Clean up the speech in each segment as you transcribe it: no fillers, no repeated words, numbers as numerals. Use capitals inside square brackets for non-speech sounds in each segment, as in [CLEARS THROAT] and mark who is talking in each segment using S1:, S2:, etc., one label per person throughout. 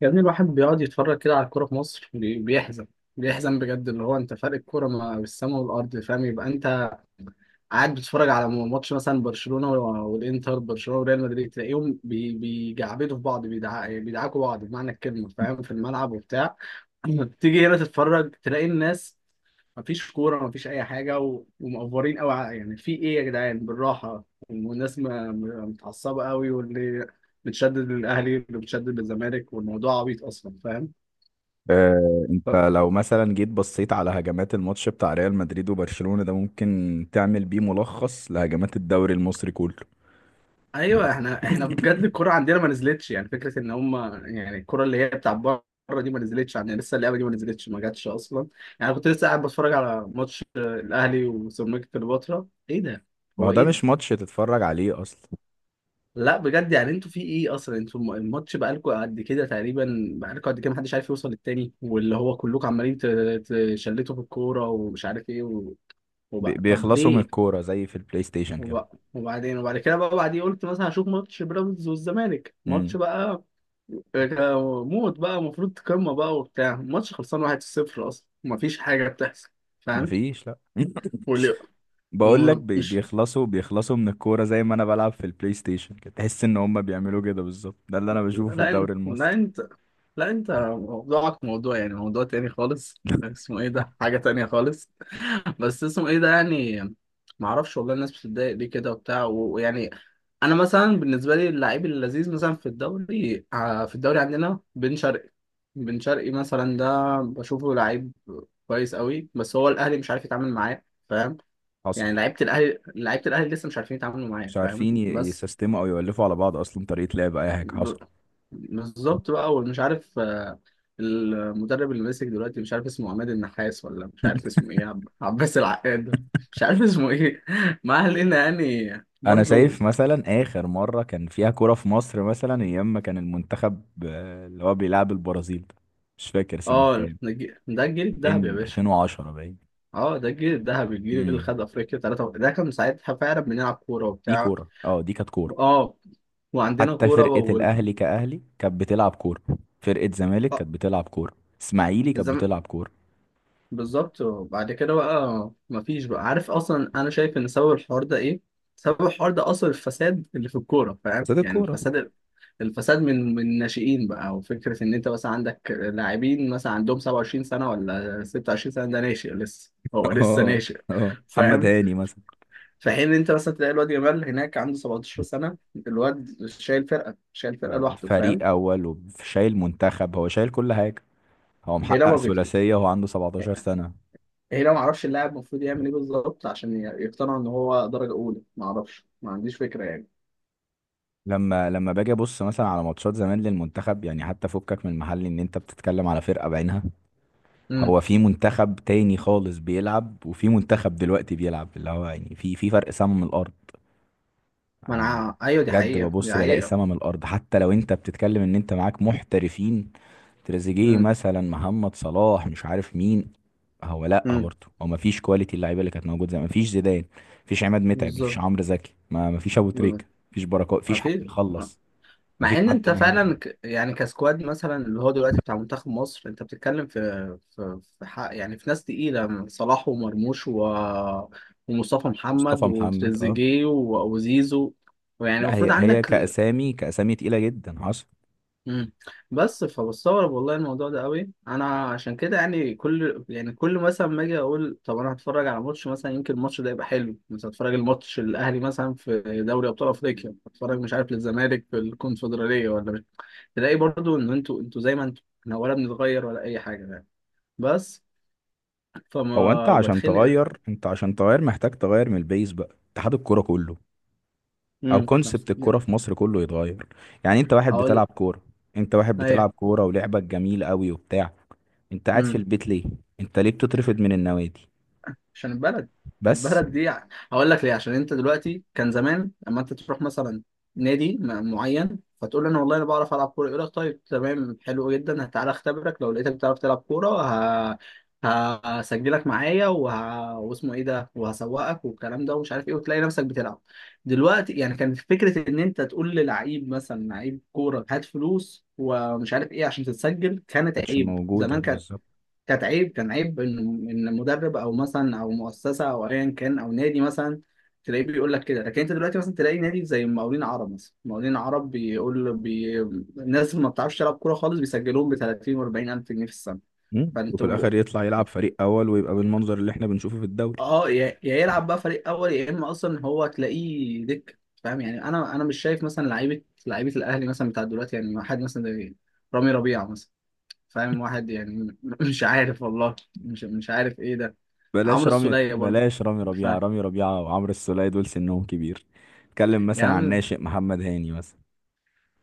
S1: يا ابني، الواحد بيقعد يتفرج كده على الكورة في مصر، بيحزن بجد. اللي هو انت فرق الكورة ما بالسما والأرض، فاهم؟ يبقى انت قاعد بتتفرج على ماتش مثلا برشلونة والإنتر، برشلونة وريال مدريد، تلاقيهم بيجعبدوا في بعض، بيدعكوا بعض بمعنى الكلمة، فاهم، في الملعب وبتاع. [CLEARS THROAT] [LAUGHS] تيجي هنا تتفرج تلاقي الناس مفيش كورة مفيش أي حاجة ومقفورين أوي، يعني في إيه يا جدعان؟ بالراحة. والناس متعصبة أوي، واللي متشدد للأهلي واللي متشدد للزمالك، والموضوع عبيط أصلا، فاهم؟
S2: آه، انت
S1: ف...
S2: لو مثلا جيت بصيت على هجمات الماتش بتاع ريال مدريد وبرشلونة ده، ممكن تعمل بيه ملخص لهجمات الدوري المصري كله.
S1: أيوه، إحنا بجد الكورة عندنا ما نزلتش، يعني فكرة إن هما، يعني الكورة اللي هي بتاع بره دي ما نزلتش عندنا لسه، اللعبة دي ما نزلتش، ما جاتش أصلا. يعني كنت لسه قاعد بتفرج على ماتش الأهلي وسيراميكا كليوباترا، إيه ده؟
S2: ما هو
S1: هو
S2: ده
S1: إيه
S2: مش
S1: ده؟
S2: ماتش تتفرج عليه اصلا.
S1: لا بجد يعني انتوا في ايه اصلا؟ انتوا الماتش بقالكوا قد كده تقريبا، بقالكوا قد كده محدش عارف يوصل للتاني، واللي هو كلكم عمالين تشلتوا في الكوره، ومش عارف ايه وبقى طب
S2: بيخلصوا من
S1: ليه؟
S2: الكورة زي في البلاي ستيشن كده.
S1: وبقى وبعدين، وبعد كده بقى بعدين قلت مثلا هشوف ماتش بيراميدز والزمالك، ماتش
S2: امم.
S1: بقى موت بقى، المفروض قمه بقى وبتاع، الماتش خلصان 1-0 اصلا، مفيش حاجه بتحصل، فاهم.
S2: مفيش، لا.
S1: واللي
S2: بقول لك، بي-
S1: ومش
S2: بيخلصوا بيخلصوا من الكورة زي ما انا بلعب في البلاي ستيشن كده. تحس ان هم بيعملوا كده بالظبط، ده اللي انا بشوفه في
S1: لا إن-
S2: الدوري
S1: لا
S2: المصري.
S1: انت لا انت موضوعك موضوع، يعني موضوع تاني خالص. [LAUGHS]
S2: [LAUGHS]
S1: اسمه ايه ده؟ حاجة تانية خالص. [LAUGHS] بس اسمه ايه ده يعني؟ معرفش والله، الناس بتتضايق ليه كده وبتاع، ويعني انا مثلا بالنسبة لي اللعيب اللذيذ مثلا في الدوري، في الدوري عندنا بن شرقي. بن شرقي مثلا ده بشوفه لعيب كويس قوي، بس هو الاهلي مش عارف يتعامل معاه، فاهم؟
S2: حصل.
S1: يعني لعيبة الاهلي لسه مش عارفين يتعاملوا معاه،
S2: مش
S1: فاهم؟
S2: عارفين
S1: بس
S2: يسيستموا او يولفوا على بعض، اصلا طريقة لعب اي حاجة. حصل.
S1: ب- بالظبط بقى، ومش عارف المدرب اللي ماسك دلوقتي مش عارف اسمه عماد النحاس، ولا مش عارف اسمه ايه، عباس العقاد، مش عارف اسمه ايه. [LAUGHS] ما علينا يعني،
S2: انا
S1: برضو.
S2: شايف مثلا اخر مره كان فيها كوره في مصر، مثلا ايام ما كان المنتخب اللي هو بيلعب البرازيل ده. مش فاكر سنه
S1: اه،
S2: كام،
S1: ده الجيل الذهبي يا
S2: 2000،
S1: باشا.
S2: 2010 باين.
S1: اه، ده الجيل الذهبي، الجيل اللي
S2: امم.
S1: خد افريقيا ثلاثة، ده كان ساعتها فعلا بنلعب كورة
S2: دي
S1: وبتاع.
S2: كوره، اه، دي كانت كوره.
S1: اه، وعندنا
S2: حتى
S1: كورة
S2: فرقه الاهلي كاهلي كانت بتلعب كوره، فرقه زمالك
S1: آه،
S2: كانت بتلعب كوره، اسماعيلي كانت
S1: الزمالك.
S2: بتلعب كوره.
S1: بالظبط. وبعد كده بقى مفيش بقى، عارف اصلا انا شايف ان سبب الحوار ده ايه؟ سبب الحوار ده اصل الفساد اللي في الكوره،
S2: بس
S1: فاهم؟
S2: دي
S1: يعني
S2: الكوره. [LAUGHS]
S1: الفساد، الفساد من الناشئين بقى، وفكره ان انت مثلا عندك لاعبين مثلا عندهم 27 سنه ولا 26 سنه، ده ناشئ لسه، هو لسه
S2: اه،
S1: ناشئ،
S2: اه، محمد
S1: فاهم.
S2: هاني مثلا.
S1: في حين ان انت مثلا تلاقي الواد جمال هناك عنده 17 سنه، الواد شايل فرقه
S2: آه،
S1: لوحده، فاهم.
S2: فريق اول وشايل منتخب، هو شايل كل حاجه. هو
S1: هنا
S2: محقق
S1: ما بيكتب.
S2: ثلاثيه وهو عنده 17 سنه.
S1: هي لو ما اعرفش اللاعب المفروض يعمل ايه بالظبط عشان يقتنع ان هو درجه اولى، ما اعرفش، ما عنديش فكره يعني.
S2: لما باجي ابص مثلا على ماتشات زمان للمنتخب، يعني حتى فكك من المحل ان انت بتتكلم على فرقة بعينها.
S1: امم
S2: هو في منتخب تاني خالص بيلعب، وفي منتخب دلوقتي بيلعب، اللي هو يعني في فرق سما من الارض.
S1: ما انا،
S2: انا
S1: ايوه، دي
S2: بجد
S1: حقيقه، دي
S2: ببص بلاقي
S1: حقيقه.
S2: سما من الارض، حتى لو انت بتتكلم ان انت معاك محترفين. تريزيجيه
S1: امم
S2: مثلا، محمد صلاح، مش عارف مين. هو، لا
S1: امم
S2: برضه، هو مفيش كواليتي اللعيبه اللي كانت موجوده زمان. مفيش زيدان، مفيش عماد متعب، مفيش
S1: بالظبط
S2: عمرو زكي، ما مفيش ابو
S1: بالظبط.
S2: تريكه. مفيش بركات،
S1: ما
S2: مفيش حد
S1: في.
S2: يخلص.
S1: مع
S2: مفيش
S1: ان
S2: حد
S1: انت
S2: مهاري.
S1: فعلا يعني كسكواد مثلا اللي هو دلوقتي بتاع منتخب مصر، انت بتتكلم في، في حق. يعني في ناس تقيله: صلاح، ومرموش، ومصطفى
S2: مصطفى
S1: محمد،
S2: محمد، اه.
S1: وتريزيجيه، وزيزو، ويعني
S2: لا،
S1: المفروض
S2: هي هي
S1: عندك.
S2: كأسامي، كأسامي تقيلة جدا. حصل.
S1: مم. بس فبستغرب والله الموضوع ده قوي انا، عشان كده يعني كل، يعني كل مثلا ما اجي اقول طب انا هتفرج على ماتش، مثلا يمكن الماتش ده يبقى حلو، مثلا هتفرج الماتش الاهلي مثلا في دوري ابطال افريقيا، هتفرج مش عارف للزمالك في الكونفدراليه ولا مش، تلاقي برضو ان انتوا زي ما انتوا، احنا ولا بنتغير ولا اي حاجه يعني، بس
S2: هو انت
S1: فما
S2: عشان
S1: بتخنق.
S2: تغير انت عشان تغير محتاج تغير من البيز بقى، اتحاد الكورة كله، او كونسبت الكورة
S1: امم
S2: في مصر كله يتغير. يعني انت واحد
S1: هقول
S2: بتلعب كورة، انت واحد بتلعب
S1: ايه؟
S2: كورة ولعبك جميل قوي وبتاع، انت قاعد في البيت ليه؟ انت ليه بتترفض من النوادي؟
S1: عشان البلد
S2: بس ما
S1: البلد دي يعني هقول لك ليه. عشان انت دلوقتي، كان زمان لما انت تروح مثلا نادي معين فتقول له انا والله انا بعرف العب كوره، يقول لك طيب تمام حلو جدا، تعالى اختبرك، لو لقيتك بتعرف تلعب كوره ه... هسجلك معايا واسمه ايه ده، وهسوقك والكلام ده ومش عارف ايه، وتلاقي نفسك بتلعب. دلوقتي يعني كان فكره ان انت تقول للعيب مثلا، لعيب كوره، هات فلوس ومش عارف ايه عشان تتسجل، كانت
S2: كانتش
S1: عيب
S2: موجودة
S1: زمان. كانت
S2: بالظبط.
S1: كانت عيب، كان عيب ان مدرب او مثلا، او مؤسسه، او ايا كان، او نادي مثلا، تلاقيه بيقول لك كده. لكن انت دلوقتي مثلا تلاقي نادي زي مقاولين عرب، مثلا مقاولين عرب بيقول الناس ما بتعرفش تلعب كوره خالص، بيسجلوهم ب 30 و40 الف جنيه في السنه.
S2: وفي
S1: فانتوا
S2: الاخر يطلع يلعب فريق اول ويبقى بالمنظر اللي احنا بنشوفه في الدوري.
S1: اه، يا يلعب بقى فريق اول، يا اما اصلا هو تلاقيه دك، فاهم؟ يعني انا مش شايف مثلا لعيبه الاهلي مثلا بتاع دلوقتي، يعني حد مثلا زي رامي ربيعه مثلا. فاهم، واحد يعني. [LAUGHS] مش عارف والله، مش عارف ايه ده. عمرو السولية برضو.
S2: بلاش رامي
S1: ف
S2: ربيعة. رامي ربيعة وعمرو السولية دول سنهم كبير. اتكلم
S1: يا
S2: مثلا عن
S1: عم،
S2: ناشئ، محمد هاني مثلا.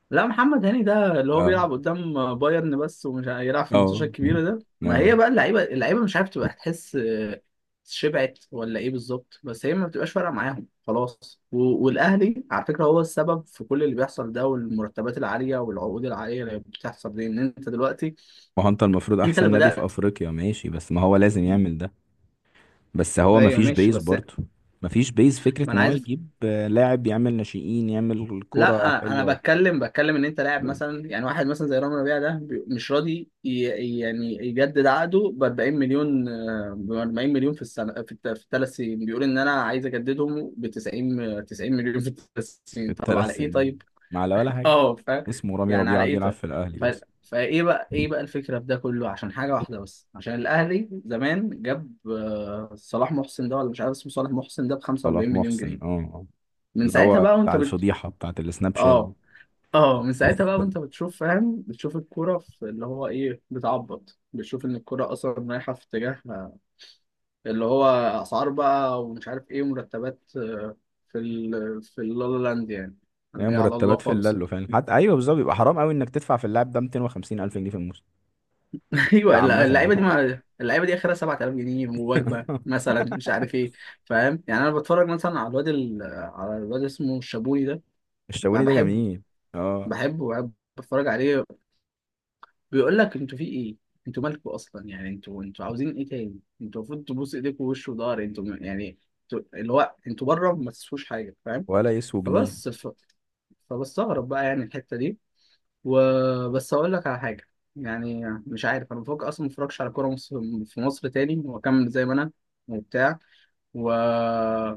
S1: لا، محمد هاني ده اللي هو
S2: اه،
S1: بيلعب قدام بايرن بس، ومش عارف يلعب في الماتشات
S2: اه،
S1: الكبيرة ده. ما
S2: اه.
S1: هي بقى اللعيبة مش عارف تبقى تحس شبعت ولا ايه بالظبط؟ بس هي ما بتبقاش فارقة معاهم خلاص، والأهلي على فكرة هو السبب في كل اللي بيحصل ده، والمرتبات العالية والعقود العالية اللي بتحصل دي، ان انت دلوقتي
S2: ما هو انت المفروض
S1: انت
S2: احسن
S1: اللي
S2: نادي في
S1: بدأت.
S2: افريقيا، ماشي، بس ما هو لازم يعمل ده. بس هو ما
S1: ايوه،
S2: فيش
S1: ماشي،
S2: بيز
S1: بس
S2: برضه. ما فيش بيز، فكرة
S1: ما
S2: ان
S1: انا
S2: هو
S1: عايز،
S2: يجيب لاعب، يعمل ناشئين، يعمل كرة
S1: لا انا
S2: حلوة.
S1: بتكلم ان انت لاعب مثلا يعني، واحد مثلا زي رامي ربيعه ده مش راضي يعني يجدد عقده ب 40 مليون، ب 40 مليون في السنه في في الثلاث سنين، بيقول ان انا عايز اجددهم ب 90 90 مليون في الثلاث
S2: في
S1: سنين. طب على
S2: الثلاث
S1: ايه
S2: سنين
S1: طيب؟
S2: ما على ولا حاجة.
S1: اه، فاهم.
S2: اسمه رامي
S1: يعني على
S2: ربيعة
S1: ايه
S2: بيلعب
S1: طيب؟
S2: في الاهلي
S1: ف
S2: بس.
S1: فايه بقى، ايه بقى الفكره في ده كله؟ عشان حاجه واحده بس، عشان الاهلي زمان جاب صلاح محسن ده، ولا مش عارف اسمه، صلاح محسن ده ب
S2: صلاح
S1: 45 مليون
S2: محسن، اه،
S1: جنيه.
S2: آه.
S1: من
S2: اللي
S1: ساعتها
S2: هو
S1: بقى وانت
S2: بتاع
S1: بت
S2: الفضيحة بتاعت السناب شات دي.
S1: اه اه من ساعتها بقى
S2: [LAUGHS]
S1: وانت بتشوف، فاهم، بتشوف الكوره في اللي هو ايه بتعبط، بتشوف ان الكوره اصلا رايحه في اتجاه اللي هو اسعار بقى ومش عارف ايه، ومرتبات في اللالا لاند يعني،
S2: يعني
S1: اللي هي على الله
S2: مرتبات في
S1: خالص.
S2: اللالو فعلا. حتى ايوه بالظبط، بيبقى حرام قوي انك تدفع في اللاعب ده 250 الف جنيه في الموسم.
S1: [LAUGHS]
S2: ده
S1: ايوه،
S2: عامه يعني.
S1: اللعيبه دي، ما اللعيبه دي اخرها 7000 جنيه ووجبه
S2: [LAUGHS]
S1: مثلا مش عارف ايه، فاهم يعني. انا بتفرج مثلا على الواد اسمه الشابوني ده. بقى
S2: الشاوني ده
S1: بحبه،
S2: جميل، اه.
S1: بحبه بحب بتفرج عليه. بيقول لك انتوا في ايه؟ انتوا مالكوا اصلا يعني؟ انتوا عاوزين ايه تاني؟ انتوا المفروض تبوس ايديكوا ووش وضهر، انتوا يعني اللي هو انتوا بره ما تسووش حاجه، فاهم.
S2: ولا يسوى جنيه.
S1: فبس فبستغرب بقى يعني الحته دي. وبس اقول لك على حاجه، يعني مش عارف، انا بفكر اصلا ما اتفرجش على كوره مصر، في مصر تاني، واكمل زي ما انا وبتاع، و...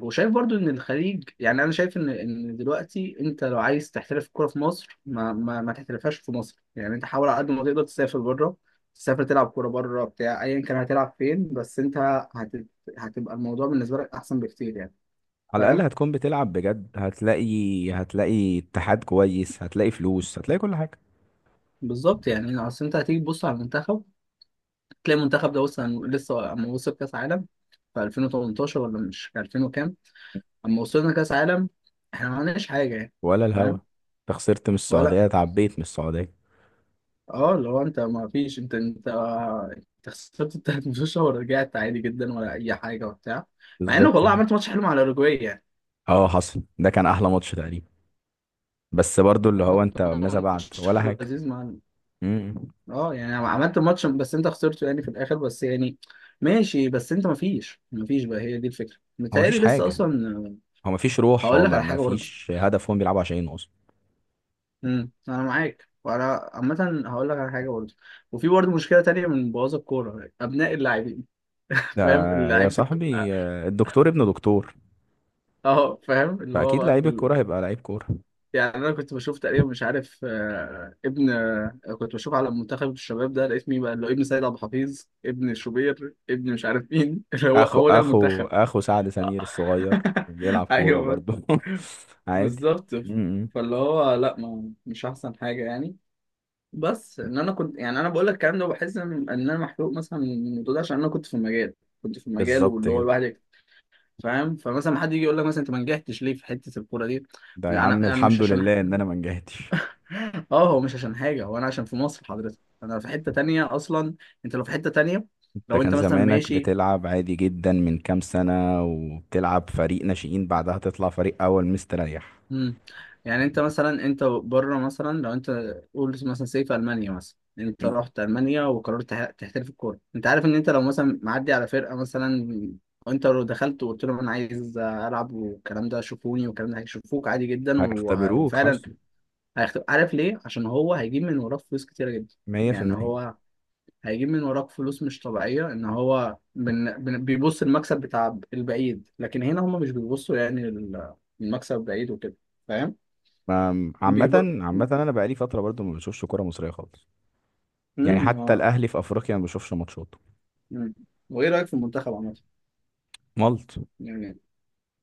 S1: وشايف برضو ان الخليج، يعني انا شايف ان دلوقتي انت لو عايز تحترف الكوره في مصر، ما ما تحترفهاش في مصر يعني، انت حاول على قد ما تقدر تسافر بره، تسافر تلعب كوره بره بتاع، ايا كان هتلعب فين. بس انت هت... هتبقى الموضوع بالنسبه لك احسن بكتير يعني،
S2: على الاقل
S1: فاهم.
S2: هتكون بتلعب بجد. هتلاقي اتحاد كويس، هتلاقي فلوس، هتلاقي كل حاجه.
S1: بالظبط يعني، اصل انت هتيجي تبص على المنتخب تلاقي المنتخب ده وصل، لسه اما وصل كاس عالم في 2018 ولا مش 2000 وكام، اما وصلنا كاس عالم احنا ما عملناش حاجه يعني،
S2: ولا الهوا،
S1: فاهم.
S2: انت خسرت من
S1: ولا،
S2: السعوديه، اتعبيت من السعوديه.
S1: اه، اللي هو انت ما فيش انت، انت خسرت التلات [LAUGHS] ماتشات ورجعت عادي جدا ولا اي حاجه وبتاع. مع انه
S2: بالظبط
S1: والله
S2: كده.
S1: عملت ماتش حلو مع الاوروجواي يعني،
S2: اه، حصل، ده كان احلى ماتش تقريبا. بس برضو اللي هو
S1: عملت
S2: انت ماذا بعد؟
S1: ماتش
S2: ولا حاجه.
S1: لذيذ مع،
S2: امم.
S1: اه يعني عملت ماتش، بس انت خسرته يعني في الاخر بس يعني، ماشي. بس انت ما فيش بقى، هي دي الفكره
S2: هو مفيش
S1: متهيألي لسه
S2: حاجه.
S1: اصلا.
S2: هو مفيش روح،
S1: هقول
S2: هو
S1: لك على حاجه برضه،
S2: مفيش هدف هم بيلعبوا عشانه اصلا.
S1: انا معاك، وانا عامه هقول لك على حاجه برضه، وفي برضه مشكله تانيه من بوظ الكوره: ابناء اللاعبين. [LAUGHS]
S2: ده
S1: فاهم
S2: يا
S1: لعيبه،
S2: صاحبي الدكتور ابن دكتور.
S1: اه فاهم اللي هو
S2: فاكيد
S1: بقى
S2: لعيب
S1: كل،
S2: الكوره هيبقى لعيب كوره.
S1: يعني انا كنت بشوف تقريبا، مش عارف آه، ابن آه، كنت بشوف على منتخب الشباب ده، لقيت مين بقى اللي هو؟ ابن سيد عبد الحفيظ، ابن شوبير، ابن مش عارف مين. [LAUGHS] اللي هو
S2: اخو
S1: هو ده
S2: اخو
S1: المنتخب.
S2: اخو سعد سمير الصغير بيلعب
S1: [LAUGHS]
S2: كوره
S1: ايوه
S2: برضه. [LAUGHS] عادي.
S1: بالظبط.
S2: م- م.
S1: فاللي هو لا، ما مش احسن حاجه يعني، بس ان انا كنت، يعني انا بقول لك الكلام ده وبحس إن انا محروق مثلا من الموضوع ده عشان انا كنت في المجال، كنت في المجال
S2: بالظبط
S1: واللي هو
S2: كده.
S1: الواحد، فاهم. فمثلا حد يجي يقول لك مثلا انت ما نجحتش ليه في حته الكوره دي؟
S2: ده يا
S1: انا
S2: عم
S1: انا مش
S2: الحمد
S1: عشان
S2: لله ان انا ما نجحتش.
S1: [LAUGHS] اه، هو مش عشان حاجه، هو انا عشان في مصر حضرتك، انا في حته تانية اصلا، انت لو في حته تانية،
S2: انت
S1: لو
S2: كان
S1: انت مثلا
S2: زمانك
S1: ماشي.
S2: بتلعب عادي جدا من كام سنه، وبتلعب فريق ناشئين، بعدها تطلع فريق اول مستريح.
S1: مم. يعني انت مثلا انت بره مثلا، لو انت قول مثلا سيف المانيا مثلا، انت
S2: م.
S1: رحت المانيا وقررت تحترف الكوره، انت عارف ان انت لو مثلا معدي على فرقه مثلا، وانت لو دخلت وقلت لهم انا عايز العب والكلام ده شوفوني والكلام ده، هيشوفوك عادي جدا،
S2: هيختبروك.
S1: وفعلا
S2: حصل.
S1: هيختفي. عارف ليه؟ عشان هو هيجيب من وراك فلوس كتيرة جدا يعني،
S2: 100%.
S1: هو هيجيب من وراك فلوس مش طبيعية، ان هو بيبص المكسب بتاع البعيد، لكن هنا هما مش بيبصوا يعني المكسب البعيد وكده، فاهم؟
S2: عامة،
S1: بيب...
S2: عامة انا بقالي فترة برضو ما بشوفش كورة مصرية خالص. يعني
S1: مم،
S2: حتى
S1: آه،
S2: الاهلي في افريقيا ما بشوفش ماتشاته.
S1: مم. وايه رأيك في المنتخب عامة؟
S2: مالط.
S1: يعني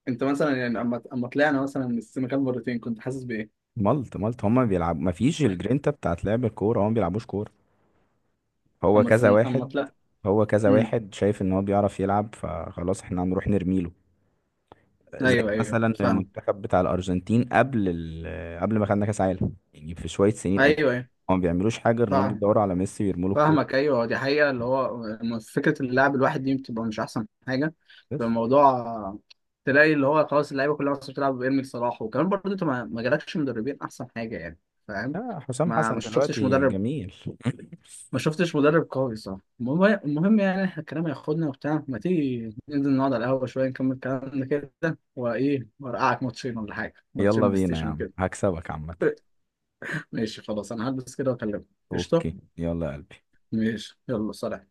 S1: انت مثلا يعني اما طلعنا مثلا من السنغال مرتين كنت حاسس بايه؟
S2: مالط مالط، هما بيلعبوا ما فيش الجرينتا بتاعت لعب الكوره، هما ما بيلعبوش كوره. هو
S1: اما
S2: كذا
S1: السن... اما
S2: واحد.
S1: طلع
S2: هو كذا
S1: مم.
S2: واحد شايف ان هو بيعرف يلعب، فخلاص احنا هنروح نرميله. زي
S1: ايوه ايوه
S2: مثلا
S1: فاهم،
S2: المنتخب بتاع الارجنتين قبل ما خدنا كاس عالم، يعني في شويه سنين قد.
S1: ايوه ايوه
S2: هما ما بيعملوش حاجه غير ان هما
S1: فاهم
S2: بيدوروا على ميسي ويرموا له
S1: فاهمك،
S2: الكوره.
S1: ايوه دي حقيقه، اللي هو فكره اللاعب الواحد دي بتبقى مش احسن حاجه، بيبقى
S2: بس.
S1: الموضوع تلاقي اللي هو خلاص اللعيبه كلها اصلا بتلعب بارمي صلاح. وكمان برضه انت ما جالكش مدربين احسن حاجه يعني، فاهم.
S2: آه، حسام
S1: ما
S2: حسن
S1: ما شفتش
S2: دلوقتي
S1: مدرب
S2: جميل.
S1: ما شفتش مدرب قوي، صح. المهم المهم يعني إحنا الكلام هياخدنا وبتاع، ما تيجي ننزل نقعد على القهوه شويه نكمل كلامنا كده وايه، وارقعك ماتشين ولا حاجه، ماتشين
S2: يلا
S1: بلاي
S2: بينا يا
S1: ستيشن
S2: عم،
S1: وكده.
S2: هكسبك عامه.
S1: [LAUGHS] ماشي خلاص، انا هلبس كده واكلمك. قشطه،
S2: اوكي، يلا يا قلبي.
S1: ماشي يلا سلام.